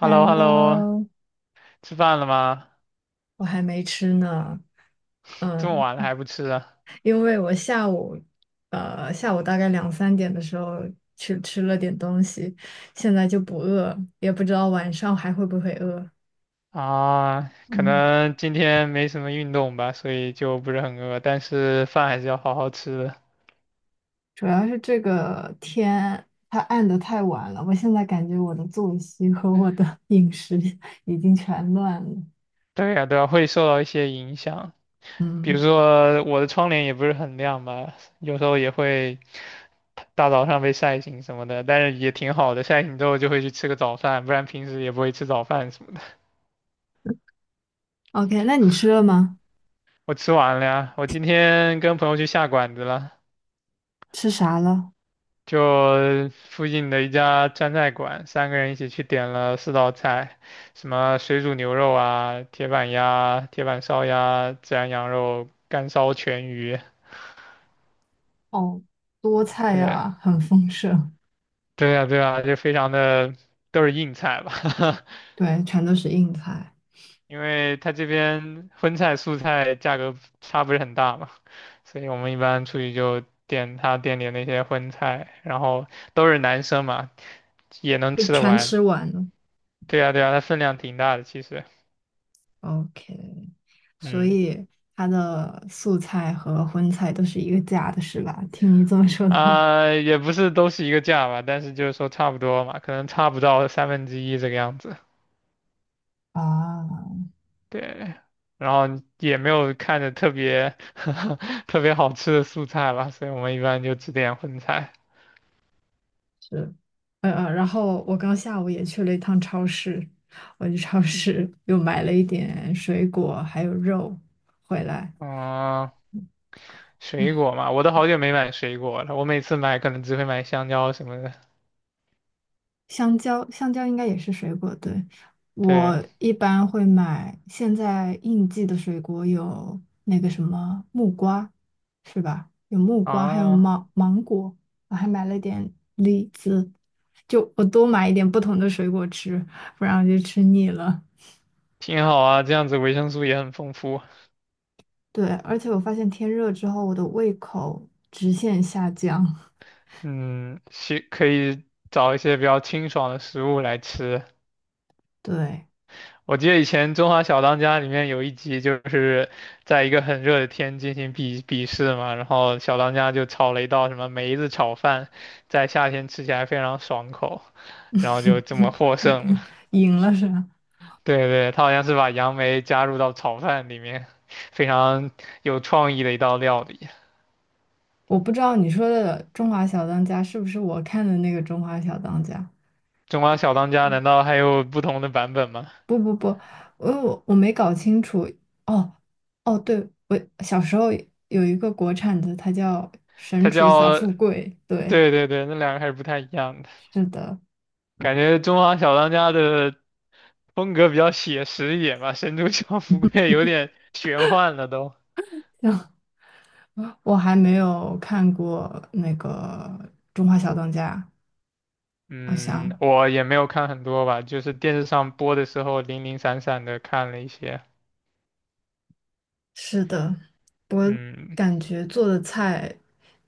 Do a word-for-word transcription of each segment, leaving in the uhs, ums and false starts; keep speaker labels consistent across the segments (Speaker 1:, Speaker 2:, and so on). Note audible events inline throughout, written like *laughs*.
Speaker 1: h e l l o h e l l o
Speaker 2: Hello，
Speaker 1: 吃饭了吗？
Speaker 2: 我还没吃呢。
Speaker 1: 这么
Speaker 2: 嗯，
Speaker 1: 晚了还不吃啊？
Speaker 2: 因为我下午，呃，下午大概两三点的时候去吃了点东西，现在就不饿，也不知道晚上还会不会饿。
Speaker 1: 啊，可
Speaker 2: 嗯，
Speaker 1: 能今天没什么运动吧，所以就不是很饿，但是饭还是要好好吃的。
Speaker 2: 主要是这个天它暗的太晚了，我现在感觉我的作息和我的 *laughs* 饮食已经全乱了。
Speaker 1: 对呀，对呀，会受到一些影响，比如
Speaker 2: 嗯
Speaker 1: 说我的窗帘也不是很亮吧，有时候也会大早上被晒醒什么的，但是也挺好的，晒醒之后就会去吃个早饭，不然平时也不会吃早饭什么的。
Speaker 2: ，OK，那你吃了吗？
Speaker 1: 我吃完了呀，我今天跟朋友去下馆子了。
Speaker 2: 吃啥了？
Speaker 1: 就附近的一家川菜馆，三个人一起去点了四道菜，什么水煮牛肉啊、铁板鸭、铁板烧鸭、孜然羊肉、干烧全鱼。
Speaker 2: 哦，多菜
Speaker 1: 对，
Speaker 2: 啊，很丰盛，
Speaker 1: 对呀，对呀，就非常的都是硬菜吧，
Speaker 2: 对，全都是硬菜。
Speaker 1: *laughs* 因为他这边荤菜素菜价格差不是很大嘛，所以我们一般出去就点他店里的那些荤菜，然后都是男生嘛，也能
Speaker 2: 被
Speaker 1: 吃得
Speaker 2: 全
Speaker 1: 完。
Speaker 2: 吃完了。
Speaker 1: 对呀，对呀，它分量挺大的，其实。
Speaker 2: OK，所
Speaker 1: 嗯
Speaker 2: 以它的素菜和荤菜都是一个价的，是吧？听你这么说的话，
Speaker 1: 啊、也不是都是一个价吧，但是就是说差不多嘛，可能差不到三分之一这个样子。
Speaker 2: 啊，
Speaker 1: 对，然后也没有看着特别 *laughs* 特别好吃的素菜吧，所以我们一般就只点荤菜。
Speaker 2: 是，呃呃，然后我刚下午也去了一趟超市，我去超市 *laughs* 又买了一点水果还有肉回来。
Speaker 1: 嗯、水果嘛，我都好久没买水果了，我每次买可能只会买香蕉什么的。
Speaker 2: 香蕉，香蕉应该也是水果，对。
Speaker 1: 对
Speaker 2: 我一般会买现在应季的水果有那个什么木瓜，是吧？有木瓜，还有
Speaker 1: 啊，
Speaker 2: 芒芒果，我还买了点李子，就我多买一点不同的水果吃，不然我就吃腻了。
Speaker 1: 挺好啊，这样子维生素也很丰富。
Speaker 2: 对，而且我发现天热之后，我的胃口直线下降。
Speaker 1: 嗯，是，可以找一些比较清爽的食物来吃。
Speaker 2: *laughs* 对，
Speaker 1: 我记得以前《中华小当家》里面有一集，就是在一个很热的天进行比比试嘛，然后小当家就炒了一道什么梅子炒饭，在夏天吃起来非常爽口，然后就这么获
Speaker 2: *laughs* 赢
Speaker 1: 胜了。
Speaker 2: 赢了是吧？
Speaker 1: *laughs* 对对，他好像是把杨梅加入到炒饭里面，非常有创意的一道料理。
Speaker 2: 我不知道你说的《中华小当家》是不是我看的那个《中华小当家》？
Speaker 1: 《中华小当家》难道还有不同的版本吗？
Speaker 2: 不不不，我我我没搞清楚。哦哦，对，我小时候有一个国产的，它叫《神
Speaker 1: 它
Speaker 2: 厨小
Speaker 1: 叫，
Speaker 2: 富贵》。对，
Speaker 1: 对对对，那两个还是不太一样的。
Speaker 2: 是的，
Speaker 1: 感觉《中华小当家》的风格比较写实一点吧，《神州教福贵》也有点玄幻了都。
Speaker 2: *laughs* 我还没有看过那个《中华小当家》，好
Speaker 1: 嗯，
Speaker 2: 像。
Speaker 1: 我也没有看很多吧，就是电视上播的时候零零散散的看了一些。
Speaker 2: 是的，我
Speaker 1: 嗯，
Speaker 2: 感觉做的菜，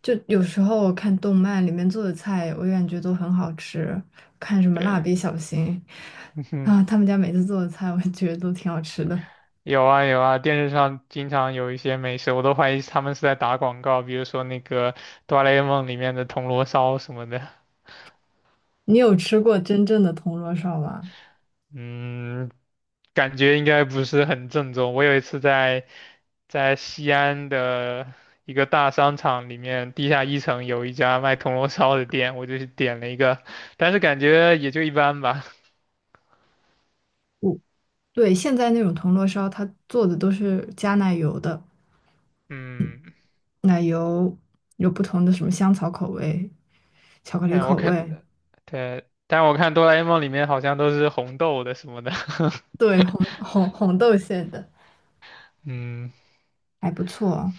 Speaker 2: 就有时候我看动漫里面做的菜，我感觉都很好吃。看什么《蜡
Speaker 1: 对，
Speaker 2: 笔小新》
Speaker 1: *laughs* 嗯哼，
Speaker 2: 啊，他们家每次做的菜，我觉得都挺好吃的。
Speaker 1: 有啊有啊，电视上经常有一些美食，我都怀疑他们是在打广告，比如说那个《哆啦 A 梦》里面的铜锣烧什么的。
Speaker 2: 你有吃过真正的铜锣烧吗？
Speaker 1: 嗯，感觉应该不是很正宗。我有一次在在西安的一个大商场里面，地下一层有一家卖铜锣烧的店，我就去点了一个，但是感觉也就一般吧。*laughs*
Speaker 2: 我对，现在那种铜锣烧，它做的都是加奶油的，
Speaker 1: 嗯，
Speaker 2: 奶油有不同的什么香草口味、巧克力
Speaker 1: 哎，我
Speaker 2: 口
Speaker 1: 看，
Speaker 2: 味，
Speaker 1: 对，但我看哆啦 A 梦里面好像都是红豆的什么的。
Speaker 2: 对，红
Speaker 1: *laughs*
Speaker 2: 红红豆馅的，
Speaker 1: 嗯，
Speaker 2: 还不错。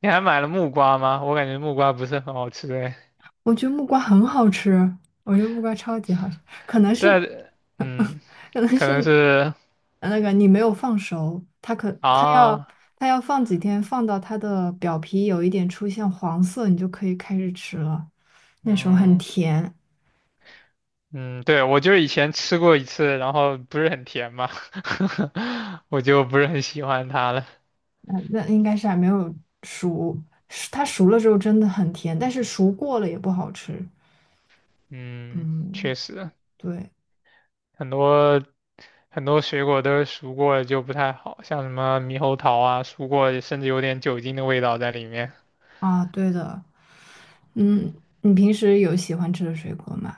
Speaker 1: 你还买了木瓜吗？我感觉木瓜不是很好吃哎，
Speaker 2: 我觉得木瓜很好吃，我觉得木瓜超级好吃，可能是，
Speaker 1: 但嗯，
Speaker 2: *laughs* 可能
Speaker 1: 可
Speaker 2: 是
Speaker 1: 能是
Speaker 2: 那个你没有放熟，它可它要
Speaker 1: 啊，
Speaker 2: 它要放几天，放到它的表皮有一点出现黄色，你就可以开始吃了。那时候很
Speaker 1: 嗯。
Speaker 2: 甜，
Speaker 1: 嗯，对，我就是以前吃过一次，然后不是很甜嘛，*laughs* 我就不是很喜欢它了。
Speaker 2: 那那应该是还没有熟，是它熟了之后真的很甜，但是熟过了也不好吃。
Speaker 1: 嗯，
Speaker 2: 嗯，
Speaker 1: 确实，
Speaker 2: 对
Speaker 1: 很多很多水果都是熟过了就不太好，像什么猕猴桃啊，熟过甚至有点酒精的味道在里面。
Speaker 2: 啊，对的，嗯，你平时有喜欢吃的水果吗？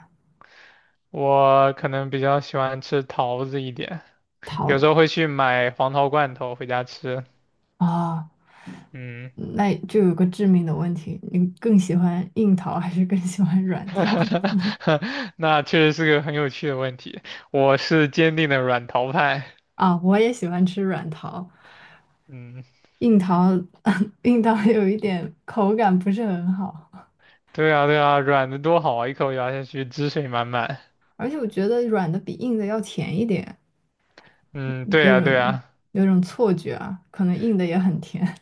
Speaker 1: 我可能比较喜欢吃桃子一点，有时候会去买黄桃罐头回家吃。
Speaker 2: 啊。
Speaker 1: 嗯，
Speaker 2: 那就有个致命的问题，你更喜欢硬桃还是更喜欢软桃
Speaker 1: *laughs* 那确实是个很有趣的问题，我是坚定的软桃派。
Speaker 2: 啊？我也喜欢吃软桃，
Speaker 1: 嗯。
Speaker 2: 硬桃 *laughs* 硬桃有一点口感不是很好，
Speaker 1: 对啊，对啊，软的多好啊，一口咬下去，汁水满满。
Speaker 2: 而且我觉得软的比硬的要甜一点，
Speaker 1: 嗯，对
Speaker 2: 有
Speaker 1: 啊，对
Speaker 2: 种
Speaker 1: 啊，
Speaker 2: 有种错觉啊，可能硬的也很甜。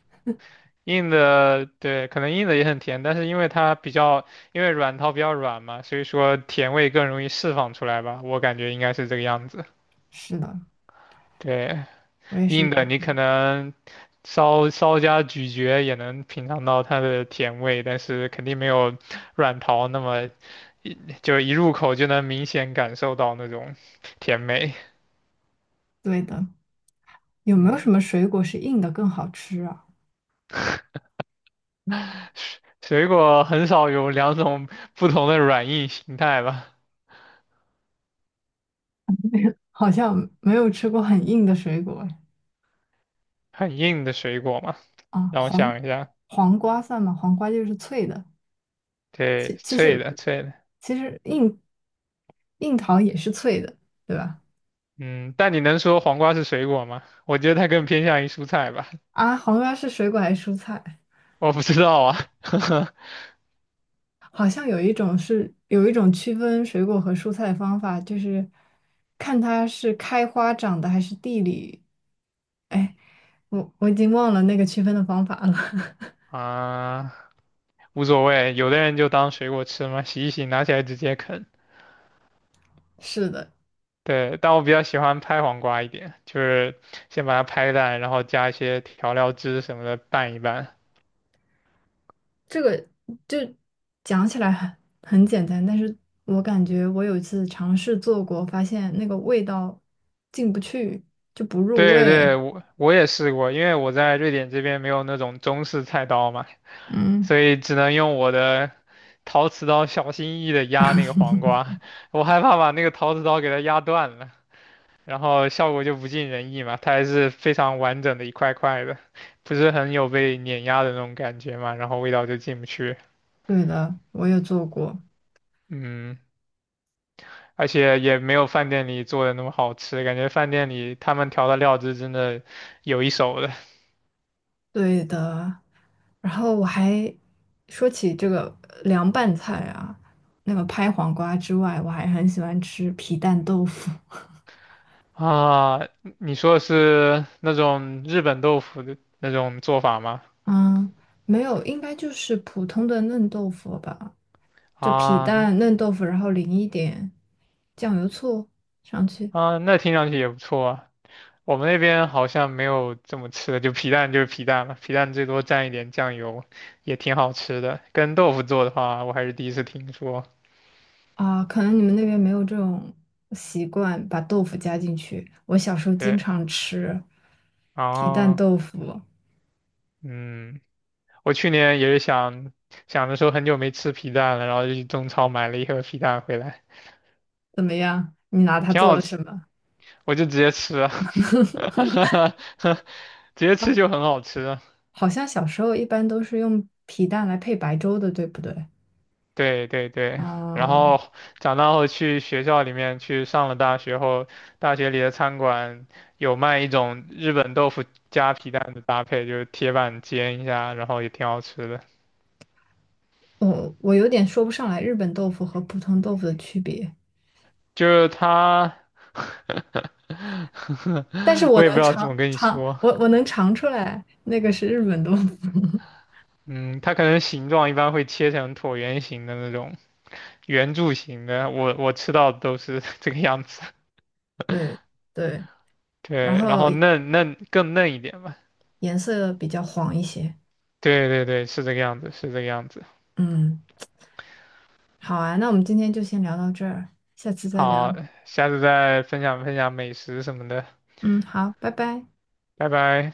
Speaker 1: 硬的，对，可能硬的也很甜，但是因为它比较，因为软陶比较软嘛，所以说甜味更容易释放出来吧，我感觉应该是这个样子。
Speaker 2: *laughs* 是的，
Speaker 1: 对，
Speaker 2: 我也是
Speaker 1: 硬
Speaker 2: 软
Speaker 1: 的你
Speaker 2: 桃。
Speaker 1: 可能稍稍加咀嚼也能品尝到它的甜味，但是肯定没有软陶那么一就一入口就能明显感受到那种甜美。
Speaker 2: 对的，有没有什
Speaker 1: 嗯。
Speaker 2: 么水果是硬的更好吃啊？
Speaker 1: 水果很少有两种不同的软硬形态吧？
Speaker 2: 好像没有吃过很硬的水果哎
Speaker 1: 很硬的水果嘛，
Speaker 2: 啊，
Speaker 1: 让我
Speaker 2: 黄
Speaker 1: 想一下，
Speaker 2: 黄瓜算吗？黄瓜就是脆的。
Speaker 1: 对，
Speaker 2: 其其
Speaker 1: 脆
Speaker 2: 实
Speaker 1: 的脆的，
Speaker 2: 其实硬硬糖也是脆的，对吧？
Speaker 1: 嗯，但你能说黄瓜是水果吗？我觉得它更偏向于蔬菜吧，
Speaker 2: 啊，黄瓜是水果还是蔬菜？
Speaker 1: 我不知道啊，
Speaker 2: 好像有一种是有一种区分水果和蔬菜的方法，就是看它是开花长的还是地里。哎，我我已经忘了那个区分的方法了。*laughs*
Speaker 1: *laughs* 啊，无所谓，有的人就当水果吃嘛，洗一洗，拿起来直接啃。
Speaker 2: 是的，
Speaker 1: 对，但我比较喜欢拍黄瓜一点，就是先把它拍烂，然后加一些调料汁什么的拌一拌。
Speaker 2: 这个就讲起来很很简单，但是我感觉我有一次尝试做过，发现那个味道进不去，就不入
Speaker 1: 对
Speaker 2: 味。
Speaker 1: 对，我我也试过，因为我在瑞典这边没有那种中式菜刀嘛，
Speaker 2: 嗯。
Speaker 1: 所以只能用我的陶瓷刀小心翼翼的压那个黄瓜，我害怕把那个陶瓷刀给它压断了，然后效果就不尽人意嘛，它还是非常完整的一块块的，不是很有被碾压的那种感觉嘛，然后味道就进不去，
Speaker 2: 对的，我也做过。
Speaker 1: 嗯，而且也没有饭店里做的那么好吃，感觉饭店里他们调的料汁真的有一手的。
Speaker 2: 对的，然后我还说起这个凉拌菜啊，那个拍黄瓜之外，我还很喜欢吃皮蛋豆腐。
Speaker 1: 啊，你说的是那种日本豆腐的那种做法吗？
Speaker 2: *laughs* 嗯，没有，应该就是普通的嫩豆腐吧，就皮
Speaker 1: 啊
Speaker 2: 蛋嫩豆腐，然后淋一点酱油醋上去。
Speaker 1: 啊，那听上去也不错啊。我们那边好像没有这么吃的，就皮蛋就是皮蛋了，皮蛋最多蘸一点酱油，也挺好吃的。跟豆腐做的话，我还是第一次听说。
Speaker 2: 啊，可能你们那边没有这种习惯，把豆腐加进去。我小时候经
Speaker 1: 对，
Speaker 2: 常吃皮蛋
Speaker 1: 啊，
Speaker 2: 豆腐，
Speaker 1: 嗯，我去年也是想想着说很久没吃皮蛋了，然后就去中超买了一盒皮蛋回来，
Speaker 2: 怎么样？你拿它
Speaker 1: 挺
Speaker 2: 做
Speaker 1: 好，
Speaker 2: 了
Speaker 1: 吃。
Speaker 2: 什么？
Speaker 1: 我就直接吃啊，*laughs* 直接吃就很好吃啊。
Speaker 2: 好像小时候一般都是用皮蛋来配白粥的，对不对？
Speaker 1: 对对对，然
Speaker 2: 啊、
Speaker 1: 后长大后去学校里面去上了大学后，大学里的餐馆有卖一种日本豆腐加皮蛋的搭配，就是铁板煎一下，然后也挺好吃的。
Speaker 2: 我我有点说不上来日本豆腐和普通豆腐的区别，
Speaker 1: 就是它，
Speaker 2: 但是
Speaker 1: *laughs*
Speaker 2: 我
Speaker 1: 我也不知
Speaker 2: 能
Speaker 1: 道怎
Speaker 2: 尝
Speaker 1: 么跟你
Speaker 2: 尝，
Speaker 1: 说，
Speaker 2: 我我能尝出来那个是日本豆腐。*laughs*
Speaker 1: 嗯，它可能形状一般会切成椭圆形的那种圆柱形的，我我吃到的都是 *laughs* 这个样子。
Speaker 2: 对对，然
Speaker 1: 对，然
Speaker 2: 后
Speaker 1: 后嫩嫩更嫩一点吧。
Speaker 2: 颜色比较黄一些。
Speaker 1: 对对对，是这个样子，是这个样子。
Speaker 2: 嗯，好啊，那我们今天就先聊到这儿，下次再聊。
Speaker 1: 好，下次再分享分享美食什么的，
Speaker 2: 嗯，好，拜拜。
Speaker 1: 拜拜。